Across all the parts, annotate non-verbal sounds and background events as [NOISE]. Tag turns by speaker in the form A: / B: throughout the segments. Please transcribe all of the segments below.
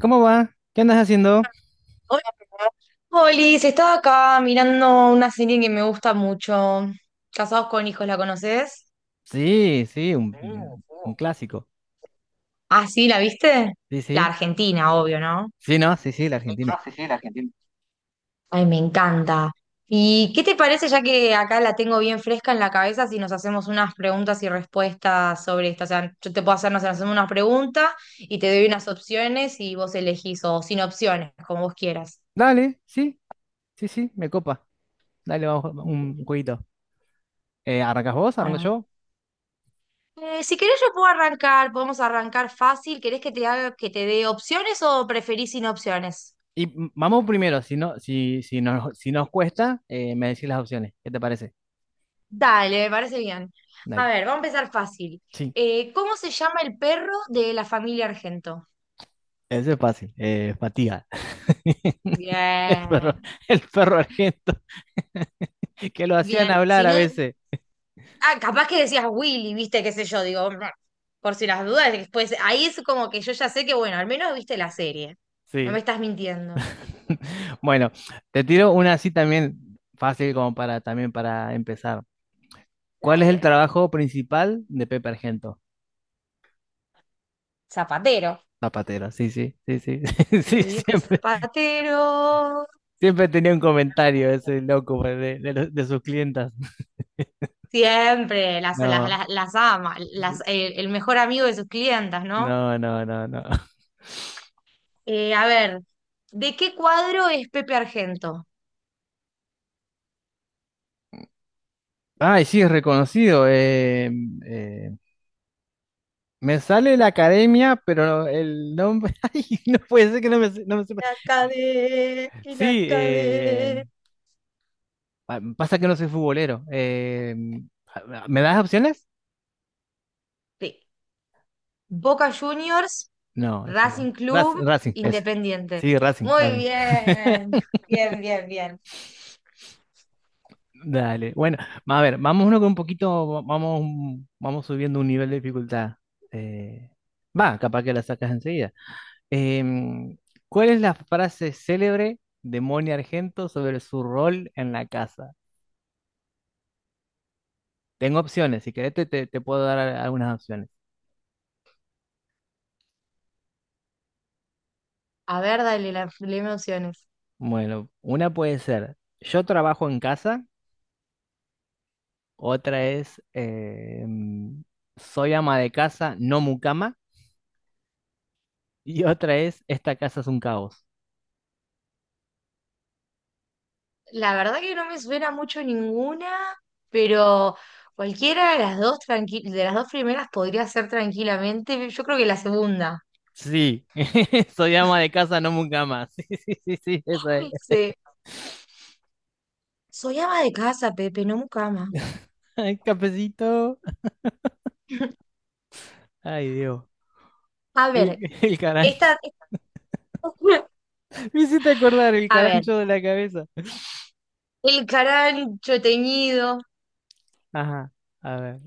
A: ¿Cómo va? ¿Qué andas haciendo?
B: Hola, Polis, estaba acá mirando una serie que me gusta mucho. Casados con hijos, ¿la conoces?
A: Sí, sí, un clásico.
B: Ah, sí, ¿la viste?
A: Sí,
B: La
A: sí.
B: Argentina, obvio, ¿no?
A: Sí, no, sí, sí, la Argentina.
B: Ay, me encanta. ¿Y qué te parece, ya que acá la tengo bien fresca en la cabeza, si nos hacemos unas preguntas y respuestas sobre esto? O sea, yo te puedo hacer, no sé, hacemos una pregunta y te doy unas opciones y vos elegís, o sin opciones, como vos quieras.
A: Dale, sí, sí, sí, me copa. Dale, vamos a jugar un jueguito. ¿Arrancas vos? ¿Arranco
B: Bueno,
A: yo?
B: si querés yo puedo arrancar, podemos arrancar fácil. ¿Querés que te haga, que te dé opciones o preferís sin opciones?
A: Y vamos primero, si no, si nos cuesta, me decís las opciones. ¿Qué te parece?
B: Dale, me parece bien. A
A: Dale.
B: ver, vamos a empezar fácil.
A: Sí,
B: ¿Cómo se llama el perro de la familia Argento?
A: eso es fácil. Fatiga. [LAUGHS] El perro,
B: Bien,
A: el perro argento, [LAUGHS] que lo hacían
B: bien.
A: hablar
B: Si
A: a
B: no,
A: veces.
B: ah, capaz que decías Willy, viste, qué sé yo, digo, por si las dudas, después ahí es como que yo ya sé que, bueno, al menos viste la serie. No me
A: Sí.
B: estás mintiendo.
A: [LAUGHS] Bueno, te tiro una así también fácil como para también para empezar. ¿Cuál es el
B: Dale.
A: trabajo principal de Pepe Argento?
B: Zapatero.
A: Zapatero, sí, sí, sí, sí, [LAUGHS]
B: Si
A: sí,
B: tu viejo es
A: siempre,
B: zapatero.
A: siempre tenía un comentario ese loco pues, de sus clientas.
B: Siempre, las, las,
A: No,
B: las, las ama, las, el mejor amigo de sus clientas, ¿no?
A: no, no, no, no.
B: A ver, ¿de qué cuadro es Pepe Argento?
A: Ay, sí, es reconocido. Eh, Me sale la academia, pero el nombre, [LAUGHS] ay, no puede ser que no me sepa.
B: La cadena, y la
A: Sí,
B: cadena.
A: ah, pasa que no soy futbolero. ¿Me das opciones?
B: De Boca Juniors,
A: No, ese no.
B: Racing Club,
A: Racing, ese.
B: Independiente.
A: Sí, Racing,
B: Muy
A: Racing.
B: bien, bien.
A: Dale. Bueno, a ver, vamos uno con un poquito, vamos, un- vamos subiendo un nivel de dificultad. Eh, Va, capaz que la sacas enseguida. Em, ¿Cuál es la frase célebre de Moni Argento sobre su rol en la casa? Tengo opciones, si querés te puedo dar algunas opciones.
B: A ver, dale, la, dame opciones.
A: Bueno, una puede ser, yo trabajo en casa. Otra es soy ama de casa, no mucama. Y otra es esta casa es un caos.
B: La verdad que no me suena mucho ninguna, pero cualquiera de las dos de las dos primeras podría ser tranquilamente. Yo creo que la segunda.
A: Sí, [LAUGHS] soy ama de casa, no mucama. [LAUGHS] Sí, sí, sí, sí, esa es.
B: Ay, sí. Soy ama de casa, Pepe, no mucama.
A: Ay, cafecito.
B: [LAUGHS]
A: Ay, Dios.
B: A
A: El,
B: ver,
A: el carancho.
B: esta, esta- [LAUGHS]
A: [LAUGHS] Me hiciste acordar el
B: a ver,
A: carancho de la cabeza.
B: el carancho teñido.
A: Ajá, a ver.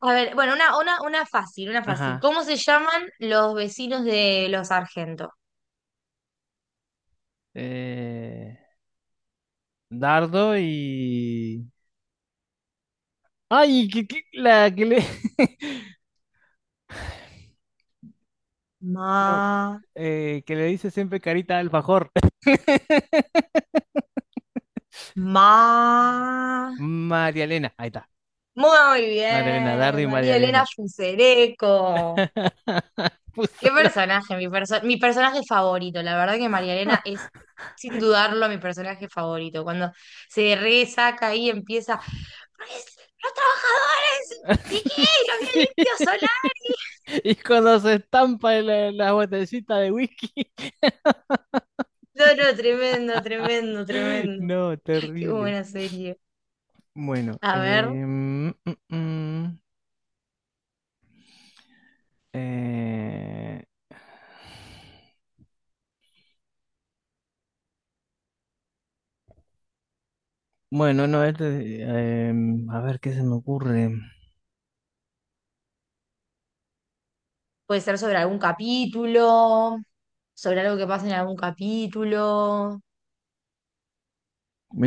B: A ver, bueno, una fácil, una fácil.
A: Ajá.
B: ¿Cómo se llaman los vecinos de los Sargentos?
A: Eh, Dardo y... Ay, la que le... [LAUGHS] No,
B: Ma,
A: que le dice siempre carita de alfajor. [LAUGHS]
B: ma.
A: María Elena. Ahí está.
B: Muy
A: María Elena Dardo
B: bien,
A: y María
B: María Elena
A: Elena.
B: Fusereco.
A: [LAUGHS] Puso
B: Qué
A: lo-
B: personaje, mi personaje favorito. La verdad que María Elena es, sin dudarlo, mi personaje favorito. Cuando se resaca ahí empieza, "Pues, los trabajadores, ¿y
A: [LAUGHS]
B: qué? ¿Los
A: Sí.
B: violentos Solari?
A: Y cuando se estampa en la, la botellita de whisky. [LAUGHS]
B: No, no, tremendo.
A: No,
B: Qué
A: terrible.
B: buena serie.
A: Bueno,
B: A ver,
A: eh, bueno, no, eh, a ver qué se me ocurre.
B: puede ser sobre algún capítulo, sobre algo que pasa en algún capítulo.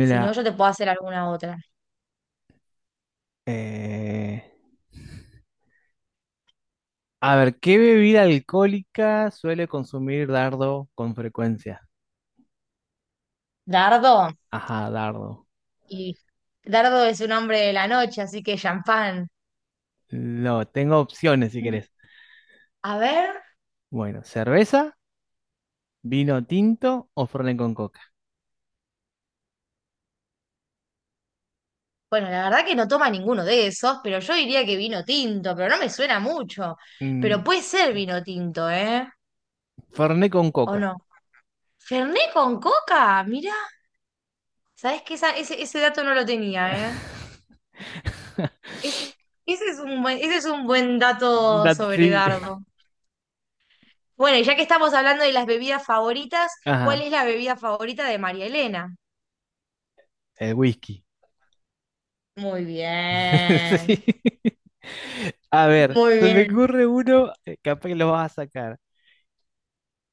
B: Si no, yo te puedo hacer alguna otra.
A: eh, a ver, ¿qué bebida alcohólica suele consumir Dardo con frecuencia?
B: Dardo.
A: Ajá, dardo.
B: Y Dardo es un hombre de la noche, así que champán.
A: Lo tengo opciones si querés.
B: A ver,
A: Bueno, cerveza, vino tinto o Fernet con coca.
B: bueno, la verdad que no toma ninguno de esos, pero yo diría que vino tinto, pero no me suena mucho. Pero
A: Mm,
B: puede ser vino tinto, ¿eh?
A: Fernet con
B: ¿O
A: coca.
B: no? Fernet con coca, mira. ¿Sabés que ese dato no lo tenía, ¿eh?
A: [LAUGHS]
B: Ese, ese es un buen, ese es un buen dato sobre
A: Sí.
B: Dardo. Bueno, y ya que estamos hablando de las bebidas favoritas, ¿cuál
A: Ajá,
B: es la bebida favorita de María Elena?
A: el whisky.
B: Muy bien,
A: [LAUGHS] Sí. A ver,
B: muy
A: se me
B: bien.
A: ocurre uno, capaz que lo vas a sacar.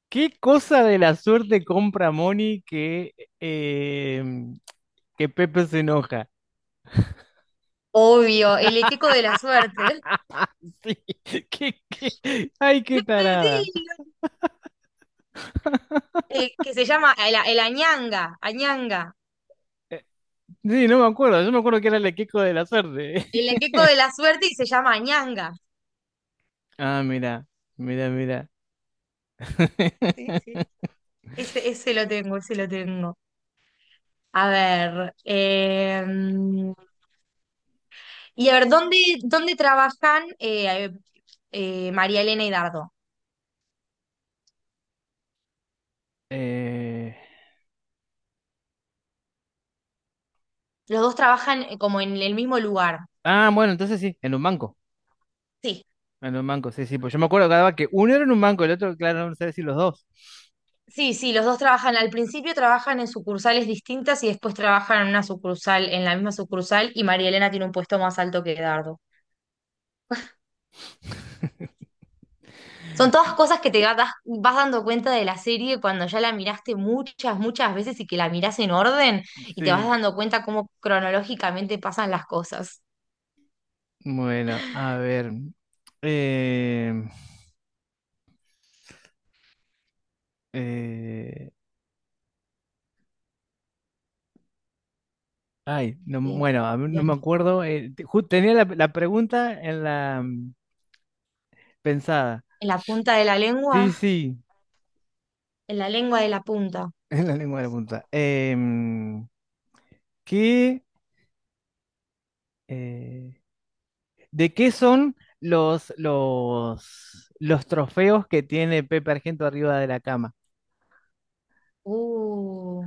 A: ¿Qué cosa de la suerte compra Moni que, eh, em, que Pepe se enoja?
B: Obvio, el equeco de la suerte.
A: [LAUGHS] Sí, ¿qué, qué? Ay,
B: Le
A: qué tarada.
B: pedí, que se llama el añanga, añanga.
A: Sí, no me acuerdo, yo me acuerdo que era el equipo de la suerte.
B: El equeco de la suerte y se llama añanga.
A: Ah, mira, mira, mira. [LAUGHS]
B: Ese lo tengo, ese lo tengo. A ver, eh, y a ver, ¿dónde trabajan María Elena y Dardo?
A: Eh,
B: Los dos trabajan como en el mismo lugar.
A: Ah, bueno, entonces sí, en un banco.
B: Sí.
A: En un banco, sí, sí. Pues yo me acuerdo cada vez que uno era en un banco, el otro, claro, no sé si los dos.
B: Sí, sí, los dos trabajan, al principio trabajan en sucursales distintas y después trabajan en una sucursal, en la misma sucursal, y María Elena tiene un puesto más alto que Dardo.
A: [LAUGHS]
B: Son todas cosas que vas dando cuenta de la serie cuando ya la miraste muchas, muchas veces y que la mirás en orden y te vas
A: Sí,
B: dando cuenta cómo cronológicamente pasan las cosas.
A: bueno, a ver. eh, eh, Ay, no,
B: Eh,
A: bueno, a mí no
B: bien.
A: me acuerdo. Tenía la, la pregunta en la pensada.
B: En la punta de la
A: Sí,
B: lengua,
A: sí,
B: en la lengua de la punta.
A: [LAUGHS] en la lengua de la punta. ¿Qué? eh, ¿De qué son los trofeos que tiene Pepe Argento arriba de la cama?
B: Uh,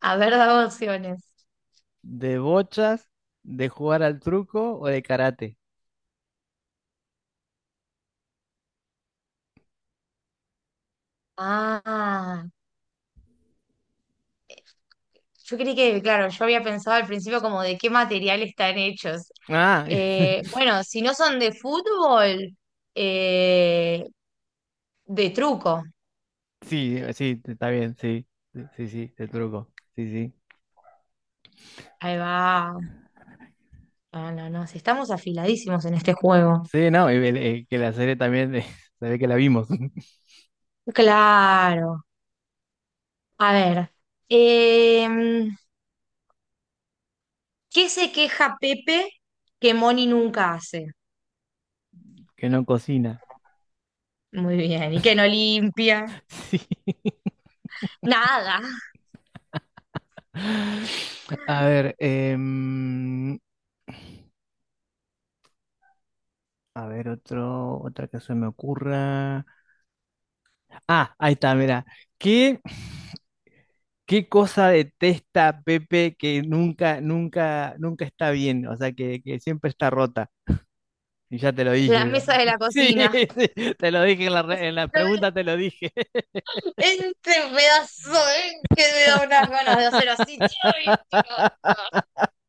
B: a ver, dame opciones.
A: ¿De bochas, de jugar al truco o de karate?
B: Ah. Yo creí que, claro, yo había pensado al principio como de qué material están hechos.
A: Ah, [LAUGHS]
B: Bueno, si no son de fútbol, eh, de truco.
A: sí, sí, está bien, sí, sí, sí, de truco, sí, sí.
B: Ahí va. Ah, no, no, si estamos afiladísimos en este juego.
A: Sí, no, que la serie también, [LAUGHS] se ve que la vimos, [LAUGHS]
B: Claro. A ver. em, ¿Qué se queja Pepe que Moni nunca hace?
A: que no cocina.
B: Muy bien. ¿Y que no limpia?
A: Sí.
B: Nada.
A: [LAUGHS] A ver, a ver, otro, otra que se me ocurra. Ah, ahí está, mira. ¿Qué, ¿qué cosa detesta Pepe que nunca, nunca, nunca está bien? O sea, que siempre está rota. Y ya te lo
B: La
A: dije, ¿verdad?
B: mesa de la
A: [LAUGHS] Sí,
B: cocina.
A: sí, te lo dije en la, en la
B: [LAUGHS]
A: pregunta, te lo dije.
B: Este pedazo, ¿eh? Que me da unas ganas de hacer así. Ay, tío.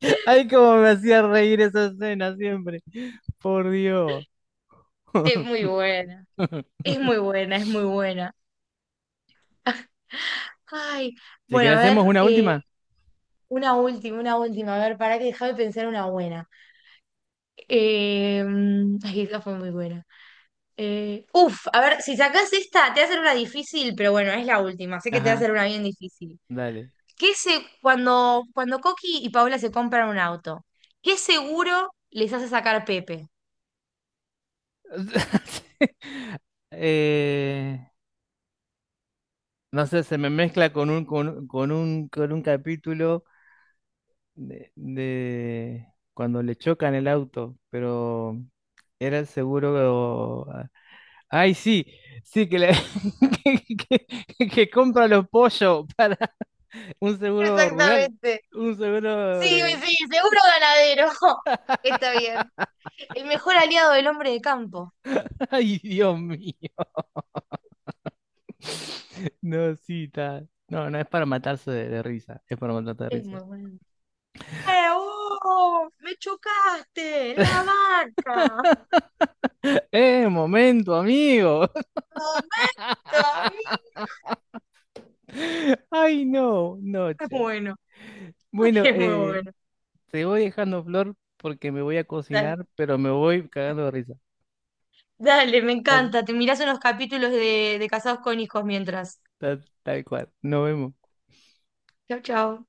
A: [LAUGHS] Ay, cómo me hacía reír esa escena siempre. Por Dios.
B: Es muy
A: [LAUGHS]
B: buena, es muy buena. Ay,
A: Si
B: bueno,
A: querés,
B: a
A: hacemos
B: ver,
A: una última.
B: una última, una última. A ver, para que déjame pensar una buena. Eh, ay, esta fue muy buena. Uf, a ver, si sacás esta, te va a hacer una difícil, pero bueno, es la última. Sé que te va a
A: Ajá,
B: hacer una bien difícil.
A: dale.
B: Cuando Coqui y Paola se compran un auto, ¿qué seguro les hace sacar Pepe?
A: [LAUGHS] Eh, no sé, se me mezcla con un, con un capítulo. De cuando le chocan el auto, pero era el seguro. Ay, sí, sí, [LAUGHS] que, que compra los pollos para un seguro rural.
B: Exactamente.
A: Un
B: Sí,
A: seguro de...
B: sí, seguro ganadero. [LAUGHS] Está bien. El mejor aliado del hombre de campo.
A: [LAUGHS] Ay, Dios mío. No, sí, está. No, no es para matarse de risa, es para matarse de
B: Es
A: risa.
B: muy bueno. ¡Eh, oh! ¡Me chocaste! ¡La vaca!
A: ¡Eh, momento, amigo!
B: ¡Momento, amigo!
A: [LAUGHS] Ay, no, noche.
B: Bueno, [LAUGHS]
A: Bueno,
B: es muy bueno.
A: te voy dejando flor porque me voy a
B: Dale,
A: cocinar, pero me voy cagando de risa.
B: dale, me
A: Dale,
B: encanta. Te mirás unos capítulos de Casados con Hijos mientras.
A: tal, tal cual. Nos vemos.
B: Chau, chau.